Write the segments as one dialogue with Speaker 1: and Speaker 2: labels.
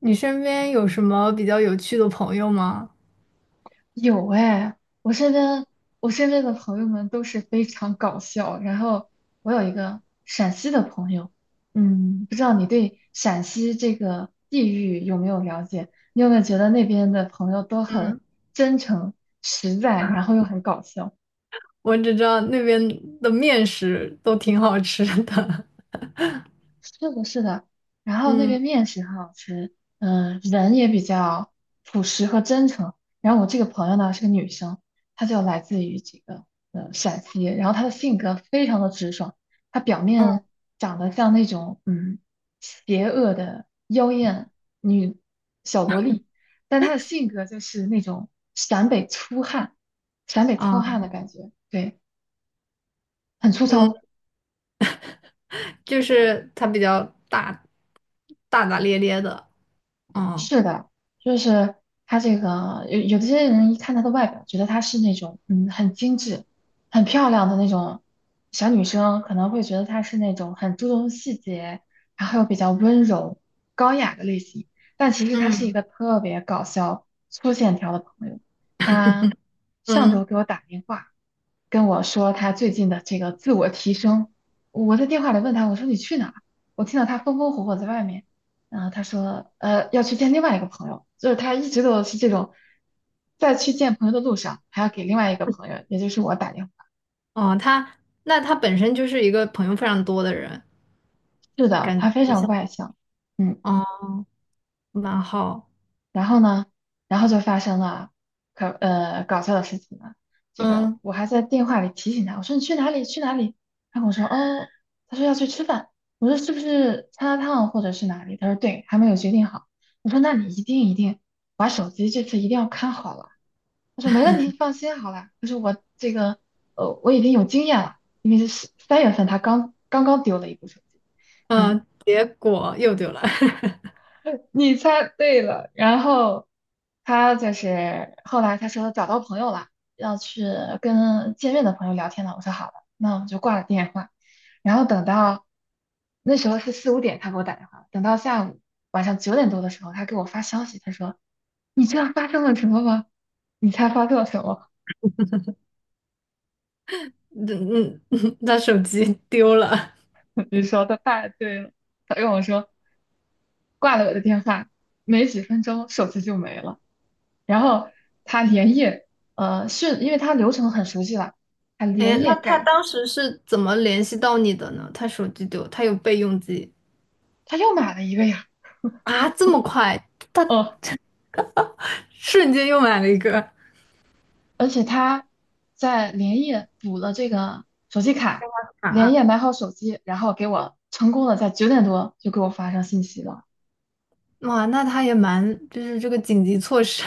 Speaker 1: 你身边有什么比较有趣的朋友吗？
Speaker 2: 有哎，我身边我身边的朋友们都是非常搞笑。然后我有一个陕西的朋友，不知道你对陕西这个地域有没有了解？你有没有觉得那边的朋友都很
Speaker 1: 嗯，
Speaker 2: 真诚、实在，然后又很搞笑？
Speaker 1: 我只知道那边的面食都挺好吃的。
Speaker 2: 是的，是的，然 后那
Speaker 1: 嗯
Speaker 2: 边面食很好吃，人也比较朴实和真诚。然后我这个朋友呢是个女生，她就来自于这个陕西，然后她的性格非常的直爽，她表面长得像那种邪恶的妖艳女小萝莉，但她的性格就是那种陕北粗汉、陕北糙
Speaker 1: 啊，
Speaker 2: 汉的感觉，对，很粗
Speaker 1: 嗯，
Speaker 2: 糙。
Speaker 1: 就是他比较大大咧咧的。哦，
Speaker 2: 是的，就是他这个有的些人一看她的外表，觉得她是那种很精致、很漂亮的那种小女生，可能会觉得她是那种很注重细节，然后又比较温柔、高雅的类型。但其实她是一
Speaker 1: 嗯
Speaker 2: 个特别搞笑、粗线条的朋友。她上
Speaker 1: 嗯，
Speaker 2: 周给我打电话，跟我说他最近的这个自我提升。我在电话里问他，我说你去哪儿。我听到他风风火火在外面，然后他说，要去见另外一个朋友，就是他一直都是这种，在去见朋友的路上还要给另外一个朋友，也就是我打电话。
Speaker 1: 哦，那他本身就是一个朋友非常多的人，
Speaker 2: 是的，
Speaker 1: 感觉
Speaker 2: 他非
Speaker 1: 就
Speaker 2: 常
Speaker 1: 像
Speaker 2: 外向，嗯。
Speaker 1: 哦，蛮好。
Speaker 2: 然后呢，然后就发生了搞笑的事情了。这个
Speaker 1: 嗯
Speaker 2: 我还在电话里提醒他，我说你去哪里去哪里？他跟我说哦，他说要去吃饭。我说是不是麻辣烫或者是哪里？他说对，还没有决定好。我说那你一定一定把手机这次一定要看好了。他说没问题，放心好了。他说我这个我已经有经验了，因为是三月份他刚刚丢了一部手机。
Speaker 1: 嗯，
Speaker 2: 嗯。
Speaker 1: 结果又丢了。
Speaker 2: 你猜对了。然后他就是后来他说找到朋友了，要去跟见面的朋友聊天了。我说好了，那我们就挂了电话。然后等到那时候是四五点，他给我打电话。等到下午晚上九点多的时候，他给我发消息，他说：“你知道发生了什么吗？”你猜发生了什么？
Speaker 1: 嗯嗯，他手机丢了。
Speaker 2: 你说的太对了。他跟我说挂了我的电话，没几分钟手机就没了。然后他连夜，是因为他流程很熟悉了，他
Speaker 1: 哎，
Speaker 2: 连
Speaker 1: 那
Speaker 2: 夜
Speaker 1: 他
Speaker 2: 干，
Speaker 1: 当时是怎么联系到你的呢？他手机丢，他有备用机
Speaker 2: 他又买了一个呀，
Speaker 1: 啊，这么快，他
Speaker 2: 哦，
Speaker 1: 瞬间又买了一个
Speaker 2: 而且他在连夜补了这个手机卡，连
Speaker 1: 啊。
Speaker 2: 夜买好手机，然后给我成功的在九点多就给我发上信息了。
Speaker 1: 哇，那他也蛮，就是这个紧急措施，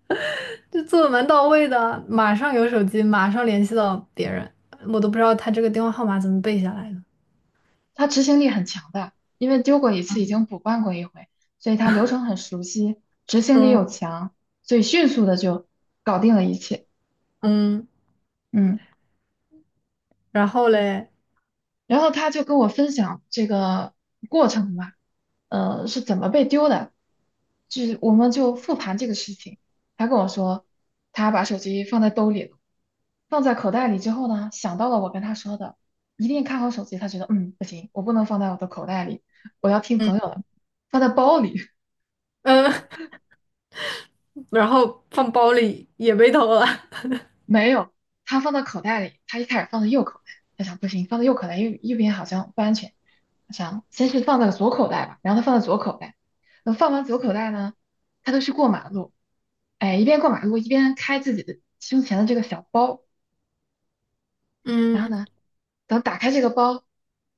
Speaker 1: 就做的蛮到位的，马上有手机，马上联系到别人，我都不知道他这个电话号码怎么背下来的。
Speaker 2: 他执行力很强的，因为丢过一次已经补办过一回，所以他流程很熟悉，执行力又
Speaker 1: 嗯
Speaker 2: 强，所以迅速的就搞定了一切。
Speaker 1: 嗯，
Speaker 2: 嗯。
Speaker 1: 然后嘞，
Speaker 2: 然后他就跟我分享这个过程嘛，是怎么被丢的，就是我们就复盘这个事情。他跟我说，他把手机放在兜里了，放在口袋里之后呢，想到了我跟他说的，一定看好手机。他觉得，不行，我不能放在我的口袋里，我要听
Speaker 1: 嗯
Speaker 2: 朋友的，放在包里。
Speaker 1: 嗯，然后放包里也被偷了。
Speaker 2: 没有，他放到口袋里，他一开始放在右口袋，他想不行，放到右口袋右边好像不安全，他想先是放到左口袋吧，然后他放在左口袋，等放完左口袋呢，他就去过马路，哎，一边过马路一边开自己的胸前的这个小包，然后
Speaker 1: 嗯，
Speaker 2: 呢，等打开这个包，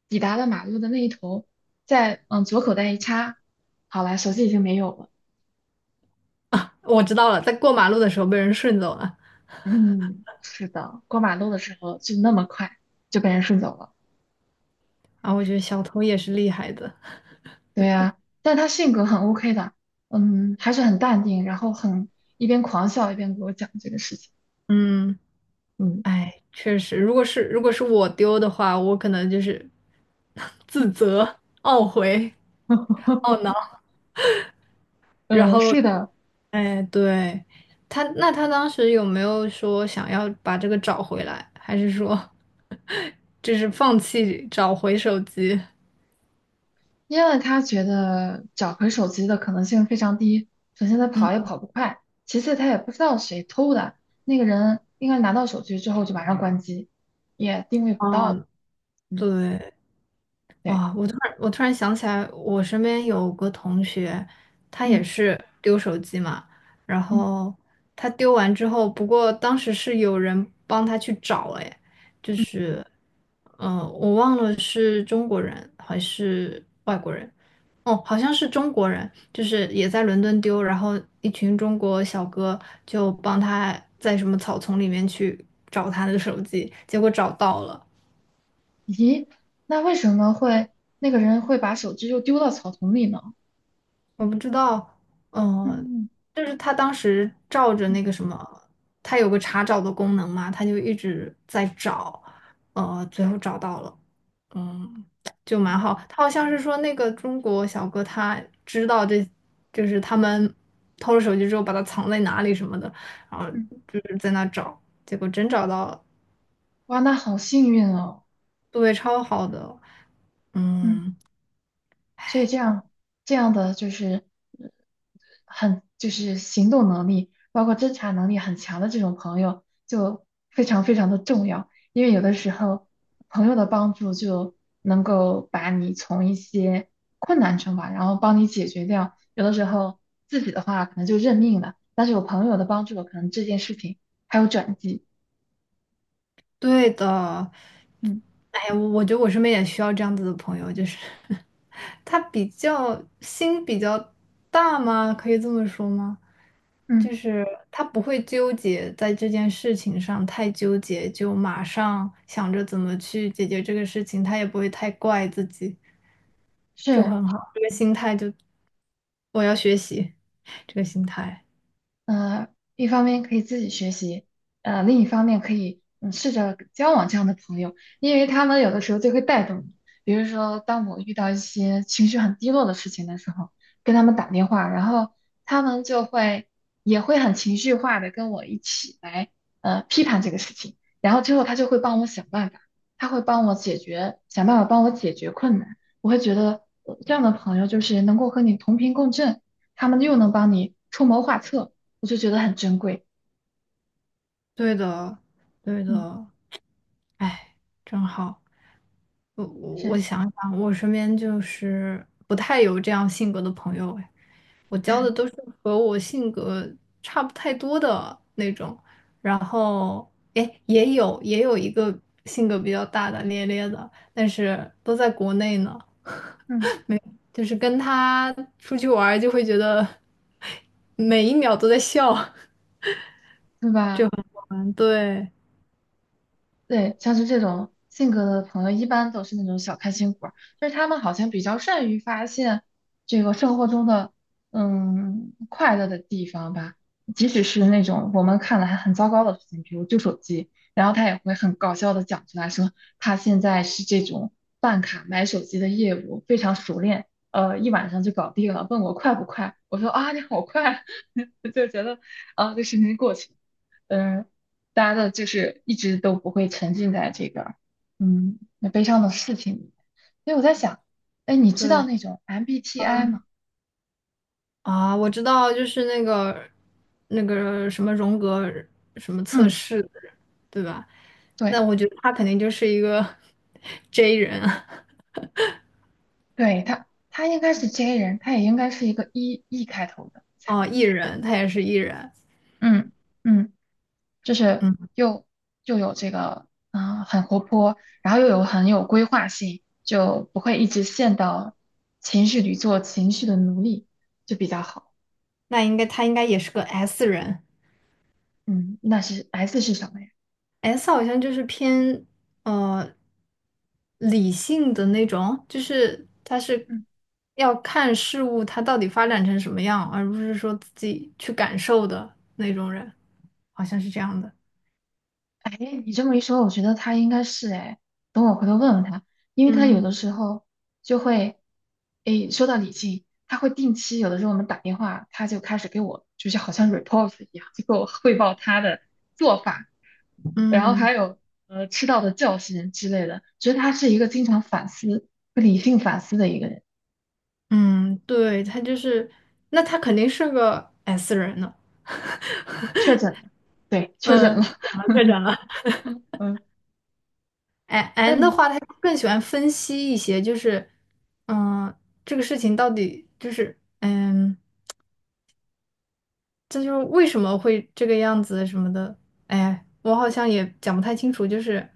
Speaker 2: 抵达了马路的那一头，再往左口袋一插，好了，手机已经没有了，
Speaker 1: 我知道了，在过马路的时候被人顺走了。
Speaker 2: 嗯，是的，过马路的时候就那么快就被人顺走了。
Speaker 1: 啊，我觉得小偷也是厉害的。
Speaker 2: 对呀，但他性格很 OK 的，还是很淡定，然后很一边狂笑一边给我讲这个事情，
Speaker 1: 嗯，
Speaker 2: 嗯
Speaker 1: 哎，确实，如果是我丢的话，我可能就是 自
Speaker 2: 嗯，
Speaker 1: 责、懊悔、懊 恼，然后，
Speaker 2: 是的，
Speaker 1: 哎，对，他，那他当时有没有说想要把这个找回来，还是说 就是放弃找回手机？
Speaker 2: 因为他觉得找回手机的可能性非常低，首先他跑也跑不快，其次他也不知道谁偷的，那个人应该拿到手机之后就马上关机，也定位不到，
Speaker 1: 嗯，
Speaker 2: 嗯，
Speaker 1: 对，
Speaker 2: 对，
Speaker 1: 哇，我突然想起来，我身边有个同学，他也
Speaker 2: 嗯
Speaker 1: 是丢手机嘛，然
Speaker 2: 嗯
Speaker 1: 后他丢完之后，不过当时是有人帮他去找，哎，就
Speaker 2: 嗯，
Speaker 1: 是，我忘了是中国人还是外国人，哦，好像是中国人，就是也在伦敦丢，然后一群中国小哥就帮他在什么草丛里面去找他的手机，结果找到了。
Speaker 2: 咦，那为什么会那个人会把手机又丢到草丛里呢？
Speaker 1: 我不知道，嗯、
Speaker 2: 嗯
Speaker 1: 就是他当时照着
Speaker 2: 嗯。
Speaker 1: 那个什么，他有个查找的功能嘛，他就一直在找，最后找到了，嗯，就蛮好。他好像是说那个中国小哥他知道这，就是他们偷了手机之后把它藏在哪里什么的，然后
Speaker 2: 嗯
Speaker 1: 就是在那找，结果真找到了，
Speaker 2: 哇，那好幸运哦。
Speaker 1: 对，超好的，
Speaker 2: 嗯，
Speaker 1: 嗯。
Speaker 2: 所以这样的就是呃很就是行动能力，包括侦查能力很强的这种朋友，就非常非常的重要。因为有的时候朋友的帮助就能够把你从一些困难中吧，然后帮你解决掉。有的时候自己的话可能就认命了，但是有朋友的帮助，可能这件事情还有转机。
Speaker 1: 对的，
Speaker 2: 嗯
Speaker 1: 哎呀，我觉得我身边也需要这样子的朋友，就是 他比较心比较大吗？可以这么说吗？
Speaker 2: 嗯，
Speaker 1: 就是他不会纠结在这件事情上太纠结，就马上想着怎么去解决这个事情，他也不会太怪自己，就
Speaker 2: 是。
Speaker 1: 很好。这个心态就我要学习 这个心态，
Speaker 2: 呃，一方面可以自己学习，另一方面可以试着交往这样的朋友，因为他们有的时候就会带动你。比如说，当我遇到一些情绪很低落的事情的时候，跟他们打电话，然后他们就会也会很情绪化的跟我一起来批判这个事情，然后之后他就会帮我想办法，他会帮我解决，想办法帮我解决困难。我会觉得这样的朋友就是能够和你同频共振，他们又能帮你出谋划策。我就觉得很珍贵。
Speaker 1: 对的，对
Speaker 2: 嗯，
Speaker 1: 的，哎，真好。我我
Speaker 2: 是，
Speaker 1: 我想想，我身边就是不太有这样性格的朋友哎，我交的都是和我性格差不太多的那种，然后哎也有一个性格比较大大咧咧的，但是都在国内呢，
Speaker 2: 嗯，
Speaker 1: 就是跟他出去玩儿就会觉得 每一秒都在笑，
Speaker 2: 对吧？
Speaker 1: 对
Speaker 2: 对，像是这种性格的朋友，一般都是那种小开心果儿，就是他们好像比较善于发现这个生活中的快乐的地方吧，即使是那种我们看来很糟糕的事情，比如旧手机，然后他也会很搞笑的讲出来说，他现在是这种办卡买手机的业务非常熟练，一晚上就搞定了，问我快不快，我说啊，你好快啊，就觉得啊，这事情过去了。嗯、呃大家的就是一直都不会沉浸在这个那悲伤的事情里面。所以我在想，哎，你知道
Speaker 1: 对。
Speaker 2: 那种 MBTI 吗？
Speaker 1: 啊，我知道，就是那个什么荣格什么测
Speaker 2: 嗯，
Speaker 1: 试，的人，对吧？
Speaker 2: 对
Speaker 1: 那我觉得他肯定就是一个 J 人啊，
Speaker 2: 对，他应该是 J 人，他也应该是一个 E 开头的，才，
Speaker 1: 哦，E 人，他也是 E 人，
Speaker 2: 嗯嗯，就是
Speaker 1: 嗯，
Speaker 2: 又有这个很活泼，然后又有很有规划性，就不会一直陷到情绪里做情绪的奴隶，就比较好。
Speaker 1: 那应该他应该也是个 S 人
Speaker 2: 嗯，那是 S 是什么呀？
Speaker 1: ，S 好像就是偏呃理性的那种，就是他是
Speaker 2: 嗯。
Speaker 1: 要看事物它到底发展成什么样，而不是说自己去感受的那种人，好像是这样的，
Speaker 2: 哎，你这么一说，我觉得他应该是哎，等我回头问问他，因为他有
Speaker 1: 嗯。
Speaker 2: 的时候就会，哎，说到理性，他会定期有的时候我们打电话，他就开始给我就是好像 report 一样，就给我汇报他的做法，然后
Speaker 1: 嗯
Speaker 2: 还有吃到的教训之类的，觉得他是一个经常反思、会理性反思的一个人。
Speaker 1: 嗯，对，他就是，那他肯定是个 S 人呢。
Speaker 2: 确诊了，对，确诊
Speaker 1: 嗯，
Speaker 2: 了，
Speaker 1: 确诊了，确诊了。
Speaker 2: 嗯，
Speaker 1: 哎
Speaker 2: 那
Speaker 1: N 的
Speaker 2: 你
Speaker 1: 话，他更喜欢分析一些，就是，嗯，这个事情到底就是，嗯，这就是为什么会这个样子什么的。哎，我好像也讲不太清楚，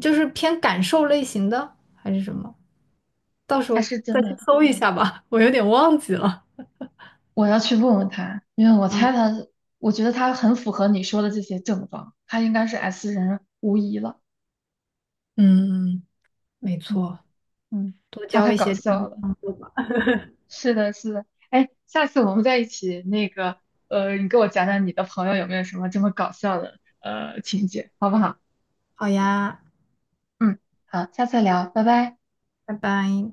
Speaker 1: 就是偏感受类型的还是什么？到时
Speaker 2: 他
Speaker 1: 候
Speaker 2: 是
Speaker 1: 再
Speaker 2: 真
Speaker 1: 去
Speaker 2: 的。
Speaker 1: 搜一下吧，我有点忘记了。
Speaker 2: 我要去问问他，因为我
Speaker 1: 嗯
Speaker 2: 猜他，我觉得他很符合你说的这些症状，他应该是 S 人无疑了。
Speaker 1: 嗯，嗯没
Speaker 2: 嗯
Speaker 1: 错，
Speaker 2: 嗯，
Speaker 1: 多
Speaker 2: 他
Speaker 1: 交
Speaker 2: 太
Speaker 1: 一
Speaker 2: 搞
Speaker 1: 些这种。
Speaker 2: 笑了。
Speaker 1: 吧。
Speaker 2: 是的，是的。哎，下次我们在一起那个，你给我讲讲你的朋友有没有什么这么搞笑的情节，好不好？
Speaker 1: 好呀，
Speaker 2: 嗯，好，下次聊，拜拜。
Speaker 1: 拜拜。